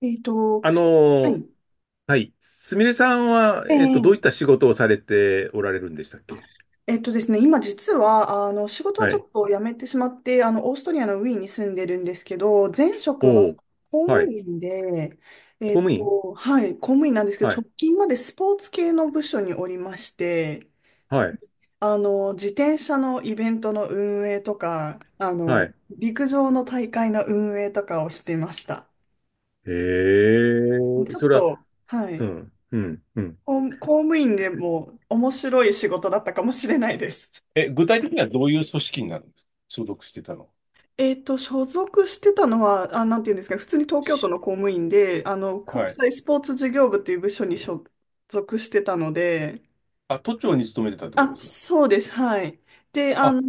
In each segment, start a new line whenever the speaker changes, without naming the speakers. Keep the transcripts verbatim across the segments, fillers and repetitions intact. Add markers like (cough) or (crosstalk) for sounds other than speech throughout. えっと、
あの
は
ー
い。
はい。すみれさんは、
え
えっと、どういった
え
仕事をされておられるんでしたっけ？
えっとですね、今実は、あの、仕事は
は
ちょ
い。
っと辞めてしまって、あの、オーストリアのウィーンに住んでるんですけど、前職は
おー
公
は
務
い。
員で、え
公
っ
務員。
と、はい、公務員なんですけ
は
ど、
い。
直近までスポーツ系の部署におりまして、
はい。
あの、自転車のイベントの運営とか、あ
は
の、
い。
陸上の大会の運営とかをしてました。
へえ、
ちょっ
それは、
と、は
う
い、
ん、うん、うん。
公公務員でも面白い仕事だったかもしれないです。
え、具体的にはどういう組織になるんですか？所属してたの？
えっと、所属してたのは、あ、なんていうんですかね、普通に東京都
し、
の公務員で、あの、
は
国
い。
際スポーツ事業部っていう部署に所属してたので、
あ、都庁に勤めてたってこと
あ、
ですか？
そうです、はい。で、あ
あ、
の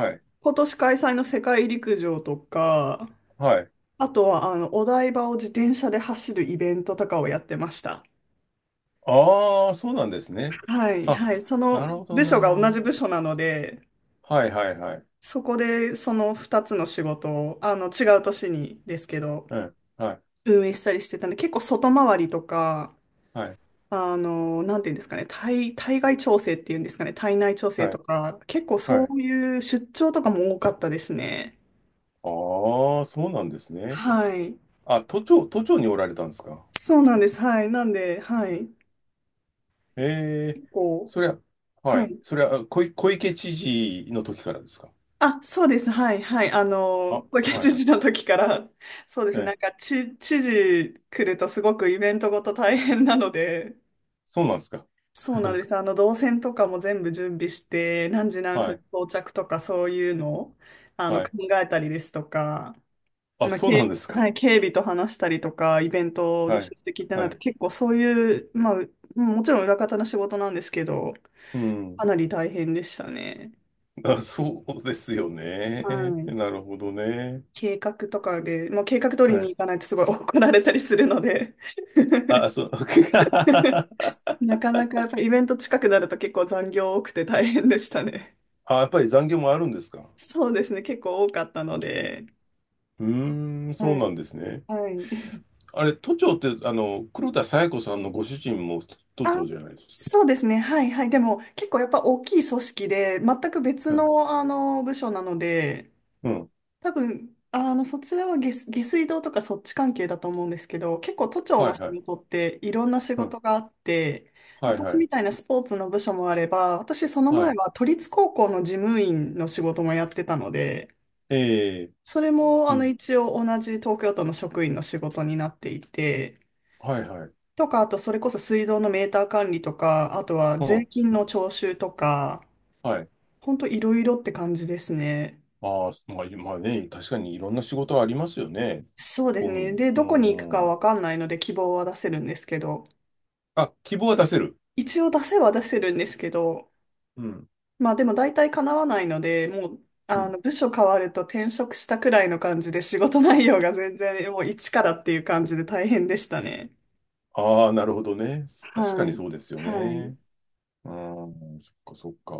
ー
い。
今年開催の世界陸上とか、
はい。
あとは、あの、お台場を自転車で走るイベントとかをやってました。
ああ、そうなんですね。
はい、
あ、
はい。そ
な
の
るほど、
部署
なる
が
ほ
同じ
ど。
部署なので、
はい、はい、はい。
そこでそのふたつの仕事を、あの、違う年にですけど、
うん、はい、
運営したりしてたんで、結構外回りとか、
はい、
あの、なんていうんですかね、対、対外調整っていうんですかね、体内調整
は
と
い、
か、結構
は
そ
い。
ういう出張とかも多かったですね。
ああ、そうなんですね。
はい。
あ、都庁、都庁におられたんですか？
そうなんです。はい。なんで、はい。
ええ、
結構、
そりゃ、は
は
い。
い。
それはあ小い、小池知事の時からですか？
あ、そうです。はい。はい。あの、
あ、
小池
は
知
い。
事の時から、そうです
え
ね。な
え、
んか、知、知事来るとすごくイベントごと大変なので、
そうなんですか。
そうなん
(laughs)
です。あの、動線とかも全部準備して、何時何
は
分
い、
到着とかそういうのを、あの、
は
考
い。
えたりですとか、
あ、
まあ、
そう
警、
なんですか。
はい、警備と話したりとか、イベントの
は
出
い、
席ってな
は
ると
い。
結構そういう、まあ、うもちろん裏方の仕事なんですけど、
うん。
かなり大変でしたね。
あ、そうですよ
は
ね。
い。
なるほどね。
計画とかで、もう計画通り
は
に
い。
行かないとすごい怒られたりするので、 (laughs)
あ、そう、(laughs)
なかなかやっぱイベント近くなると結構残業多くて大変でしたね。
あ、やっぱり残業もあるんですか？
そうですね。結構多かったので。(laughs)
うーん、そう
は
な
い。
んですね。
はい。(laughs)
あれ、都庁って、あの、黒田清子さんのご主人も都
あ、
庁じゃないですか。
そうですね。はい。はい。でも、結構やっぱ大きい組織で、全く別
うん、
の、あの、部署なので、
うん、
多分、あの、そちらは下、下水道とかそっち関係だと思うんですけど、結構都庁
は
の
い、
仕
はい、
事っていろんな仕
うん、
事があって、
はい、は
私
い、
みたいなスポーツの部署もあれば、私その
は
前
い、
は都立高校の事務員の仕事もやってたので、
ええ、
それも、
う
あの、
ん、
一応同じ東京都の職員の仕事になっていて、
はい、はい、
とか、あとそれこそ水道のメーター管理とか、あとは
う
税
ん、
金の徴収とか、
はい。
ほんといろいろって感じですね。
ああ、まあ、まあね、確かにいろんな仕事はありますよね。
そうで
公
す
務
ね。
員。
で、
う
どこに行くか
ん、う
わ
ん。
かんないので希望は出せるんですけど、
あ、希望は出せる。
一応出せは出せるんですけど、
うん、
まあでも大体叶わないので、もう、
う
あ
ん。
の、部署変わると転職したくらいの感じで仕事内容が全然もう一からっていう感じで大変でしたね。
ああ、なるほどね。確か
は
に
い。
そうですよ
はい。
ね。うん、そっかそっか。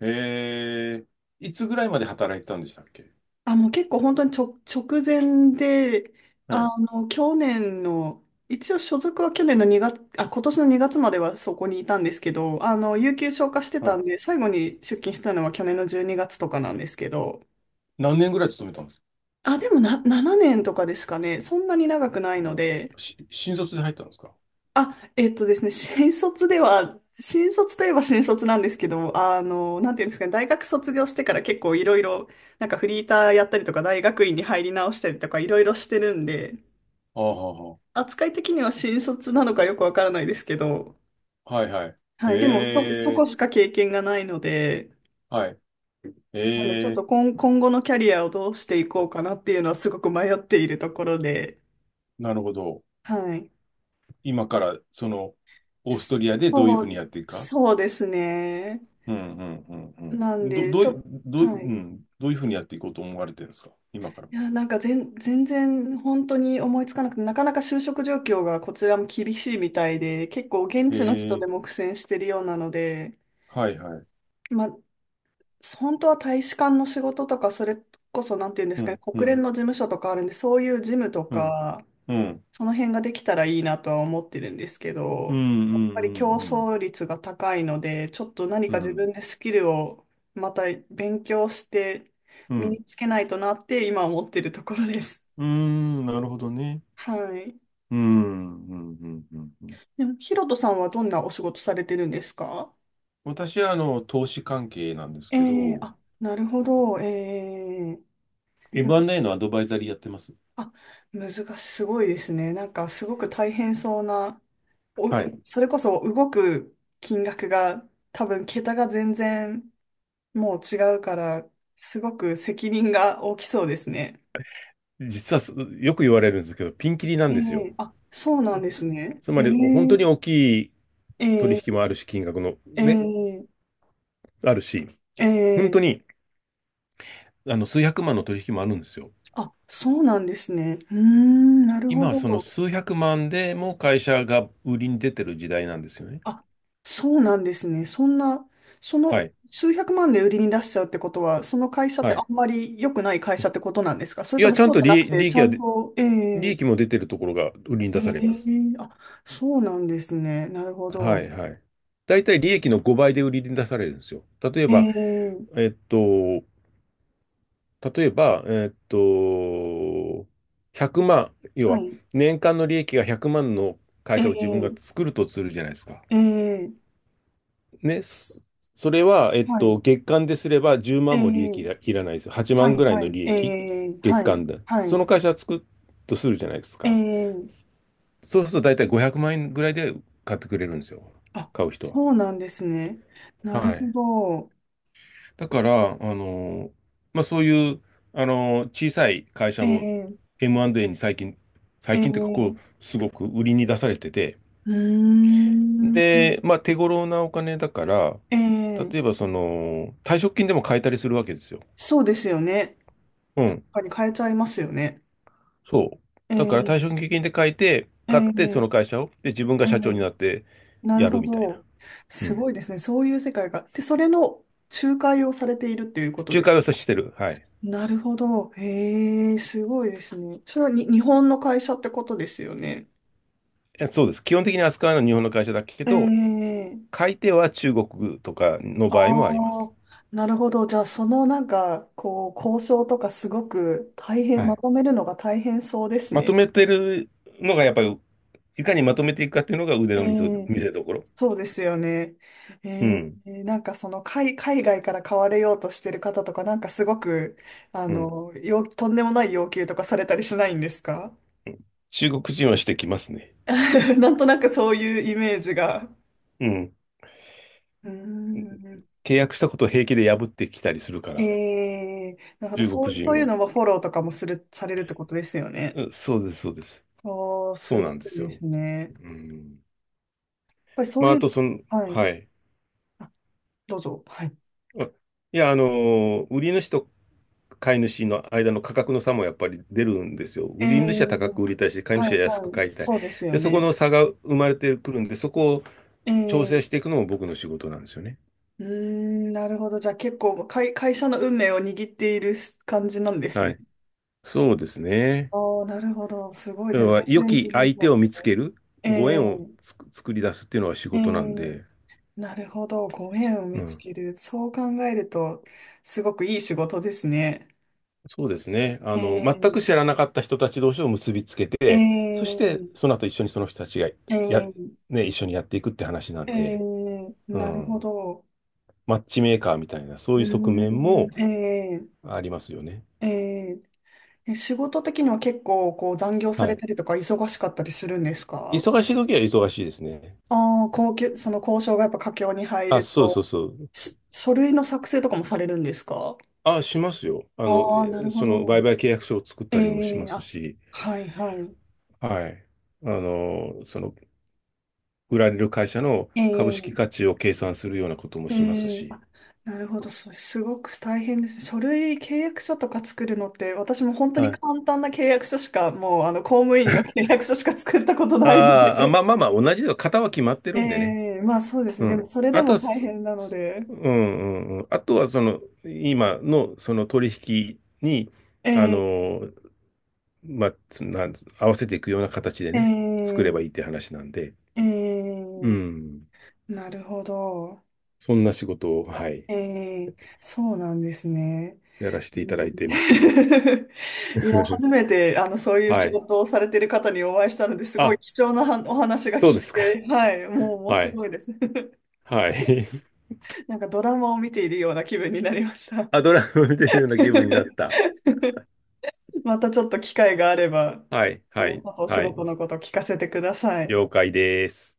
ええ、いつぐらいまで働いてたんでしたっけ？
あ、もう結構本当にちょ、直前で、
は
あ
い、
の、去年の、一応所属は去年のにがつ、あ、今年のにがつまではそこにいたんですけど、あの、有給消化して
は
た
い。
んで、最後に出勤したのは去年のじゅうにがつとかなんですけど、
何年ぐらい勤めたんです？
あ、でもな、ななねんとかですかね、そんなに長くない
あ
ので、
し新卒で入ったんですか？
あ、えっとですね、新卒では、新卒といえば新卒なんですけど、あの、なんていうんですかね、大学卒業してから結構いろいろ、なんかフリーターやったりとか、大学院に入り直したりとか、いろいろしてるんで、
ああ、は
扱い的には新卒なのかよくわからないですけど、
あはあ、はい、はい。
はい。でも、そ、そ
え
こ
え、
しか経験がないので、
はい。え
なので、ちょっ
え、
と今、今後のキャリアをどうしていこうかなっていうのはすごく迷っているところで、
なるほど。
はい。
今から、その、オーストリアでどういう
そ
ふうに
う、
やっていくか？
そうですね。
うん、うん、うん、
な
う
ん
ん。ど、
で、
ど
ち
う
ょ
い、
っと、
どうい、
は
う
い。
ん、どういうふうにやっていこうと思われてるんですか、今から？
いや、なんか全、全然本当に思いつかなくて、なかなか就職状況がこちらも厳しいみたいで、結構現
え
地の人
え、
でも苦戦してるようなので、
はい、はい。
まあ、本当は大使館の仕事とか、それこそ、なんていうんで
う
すかね、
ん、う
国連
ん、
の事務所とかあるんで、そういう事務と
うん、
か、
うん、
その辺ができたらいいなとは思ってるんですけ
う
ど、
ん、
や
うん、
っぱり競
うん、
争率が高いので、ちょっと何
うん、
か
う
自
ん、
分でスキルをまた勉強して
う
身
ん、
につけないとなって今思ってるところです。
うん、なるほどね。
はい。
うん、うん、うん、うん。うん。
でも、ヒロトさんはどんなお仕事されてるんですか？
私は、あの、投資関係なんです
え
け
えー、
ど、
あ、なるほど。ええ、
エムアンドエー のアドバイザリーやってます。
あ、難しい、すごいですね。なんかすごく大変そうな、お、
はい。
それこそ動く金額が多分桁が全然もう違うから、すごく責任が大きそうですね。
実はよく言われるんですけど、ピンキリな
え
んですよ。
え、あ、そうなんです
つ、
ね。
つ
え
まり、本当
え
に大きい
え
取引
え
もあるし、金額のね、
ええ
あるし、本
ええ、
当にあの数百万の取引もあるんですよ。
あ、そうなんですね。うーん、なるほ
今はその
ど。
数百万でも会社が売りに出てる時代なんですよね。
あ、そうなんですね。そんな、そ
は
の
い。
数百万で売りに出しちゃうってことは、その会社って
は
あ
い。
んまり良くない会社ってことなんですか？それ
い
と
や、
も
ちゃん
そう
と
じゃなく
利、
て、
利
ち
益
ゃ
は、
んと、え
利益も
え
出てるところが売りに
え
出さ
え、
れます。
あ、そうなんですね。なるほ
は
ど。
い、はい。大体利益のごばいで売りに出されるんですよ。例えば、
ええ、
えっと、例えば、えーっと、ひゃくまん、要
は
は
い。
年間の利益がひゃくまんの会
え
社を自分が
え
作るとするじゃないですか。
ええ、
ね、そそれは、えっ
は
と、
い。
月間ですれば10
え
万も利益い
え、
ら、いらないですよ。8
は
万ぐ
い、
らい
は
の
い。
利
え
益、
え、
月
はい、
間で。
は
そ
い。
の会社を作るとするじゃないですか。
ええ、
そうすると大体ごひゃくまん円ぐらいで買ってくれるんですよ。
あ、
買う人は。
そうなんですね。なる
は
ほ
い。
ど。
だから、あの、まあ、そういう、あの、小さい会社も
ええ
エムアンドエー に最近、
え
最近っていうか、こ
え、
う、すごく売りに出されてて、
うー
で、
ん。
まあ、手頃なお金だから、
ええ、
例えば、その、退職金でも買えたりするわけですよ。
そうですよね。
うん。
他に変えちゃいますよね。
そう。だから
え
退職
え
金で買えて、
え
買って、そ
え
の会社を、で、自分が
え
社長に
え、
なって
なる
やる
ほ
みたいな。
ど。
う
す
ん。
ごいですね。そういう世界が。で、それの仲介をされているっていうこと
仲
です。
介をさしてる。はい。
なるほど。へえ、すごいですね。それはに日本の会社ってことですよね？
え、そうです。基本的に扱うのは日本の会社だけ
え
ど、
え、
買い手は中国とかの
あ
場合もありま
あ、
す。
なるほど。じゃあ、そのなんか、こう、交渉とかすごく大変、
は
ま
い。
とめるのが大変そうです
まと
ね。
めてるのがやっぱり、いかにまとめていくかっていうのが腕
え
の見せ、
え、
見せ所。
そうですよね。
う
え
ん。
ー、なんかその海、海外から買われようとしてる方とか、なんかすごく、あ
うん。
の、要とんでもない要求とかされたりしないんですか？
中国人はしてきますね。
(laughs) なんとなくそういうイメージが。
うん。
うーん。
契約したことを平気で破ってきたりするから、
えー、なるほど。
中
そ
国
う、そ
人
ういう
は。
のもフォローとかもする、されるってことですよね。
うん、そうです、そうです。
おー、
そ
す
う
ご
なんで
い
す
で
よ。
すね。やっ
うん。
ぱりそ
ま
う
あ、
い
あ
う、
と、その、
はい。
はい。
あ、どうぞ。はい。
あ、いや、あのー売り主と買い主の間の価格の差もやっぱり出るんですよ。
え
売り主は高く
ー、
売りたいし、買い
は
主
い、は
は安く
い。
買いたい。
そうですよ
で、そこ
ね。
の差が生まれてくるんで、そこを
え
調整
ー
していくのも僕の仕事なんですよね。
うーん、なるほど。じゃあ結構会、会社の運命を握っている感じなんです
は
ね。
い。そうですね。
ああ、なるほど。すごいです
要
ね。
は良
全然
き
自分
相
とは
手を見
違
つ
う。
ける、ご
え
縁をつく作り出すっていうのが仕
ええ
事なん
え、
で、
なるほど。ご縁を
う
見つ
ん。
ける。そう考えると、すごくいい仕事ですね。
そうですね。あの、
え
全く知
え
らなかった人たち同士を結びつけ
え
て、そして
え
その後一緒にその人たちがや、
ええ
ね、一緒にやっていくって話な
え
んで、
ー、
う
なるほ
ん。
ど。
マッチメーカーみたいな、そ
う
ういう側面
ー
も
ん、ええ
ありますよね。
えええ、仕事的には結構こう残業さ
は
れ
い。
たりとか忙しかったりするんですか？
忙しい時は忙しいですね。
ああ、高級、その交渉がやっぱ佳境に入
あ、
る
そうそう
と、
そう。
し書類の作成とかもされるんですか？
あ、しますよ。あの、
ああー、な
え
るほ
その売
ど。
買契約書を作っ
え
たりもしま
え、
す
あ、
し、
はいはい。
はい。あの、その、売られる会社の株式
ええ
価値を計算するようなことも
え
します
え、
し、
あ、なるほど。それすごく大変ですね。書類、契約書とか作るのって、私も本当
は
に
い。
簡単な契約書しか、もう、あの、公務員の契約書しか作ったことないの
あーあ、ま
で。
あまあまあ、同じだ。型は決まって
え
るんでね。
え、まあそうです
う
ね。でも、
ん。
それで
あと
も
は、
大
す、
変なの
す
で。
うん、うん、うん。あとは、その、今のその取引に、あ
ええ
の、まあ、つなん合わせていくような形でね、作れ
ええ
ばいいって話なんで、
え
う
え、
ん。
なるほど。
そんな仕事を、はい。
ええ、そうなんですね。
やらせ
う
ていただ
ん、
いています。
(laughs)、いや、
(laughs)
初めて、あの、そういう
は
仕
い。
事をされてる方にお会いしたので、すごい
あ、
貴重なはお話が
そう
聞い
ですか。
て、はい、もう面
はい。
白いです。
はい。
(laughs) なんかドラマを見ているような気分になりました。
(laughs) あ、ドラマ見てるような気分
(laughs)
になった。
またちょっと機会があれば、
はい。は
もう
い。
ちょっとお仕
はい。
事のことを聞かせてください。
了解です。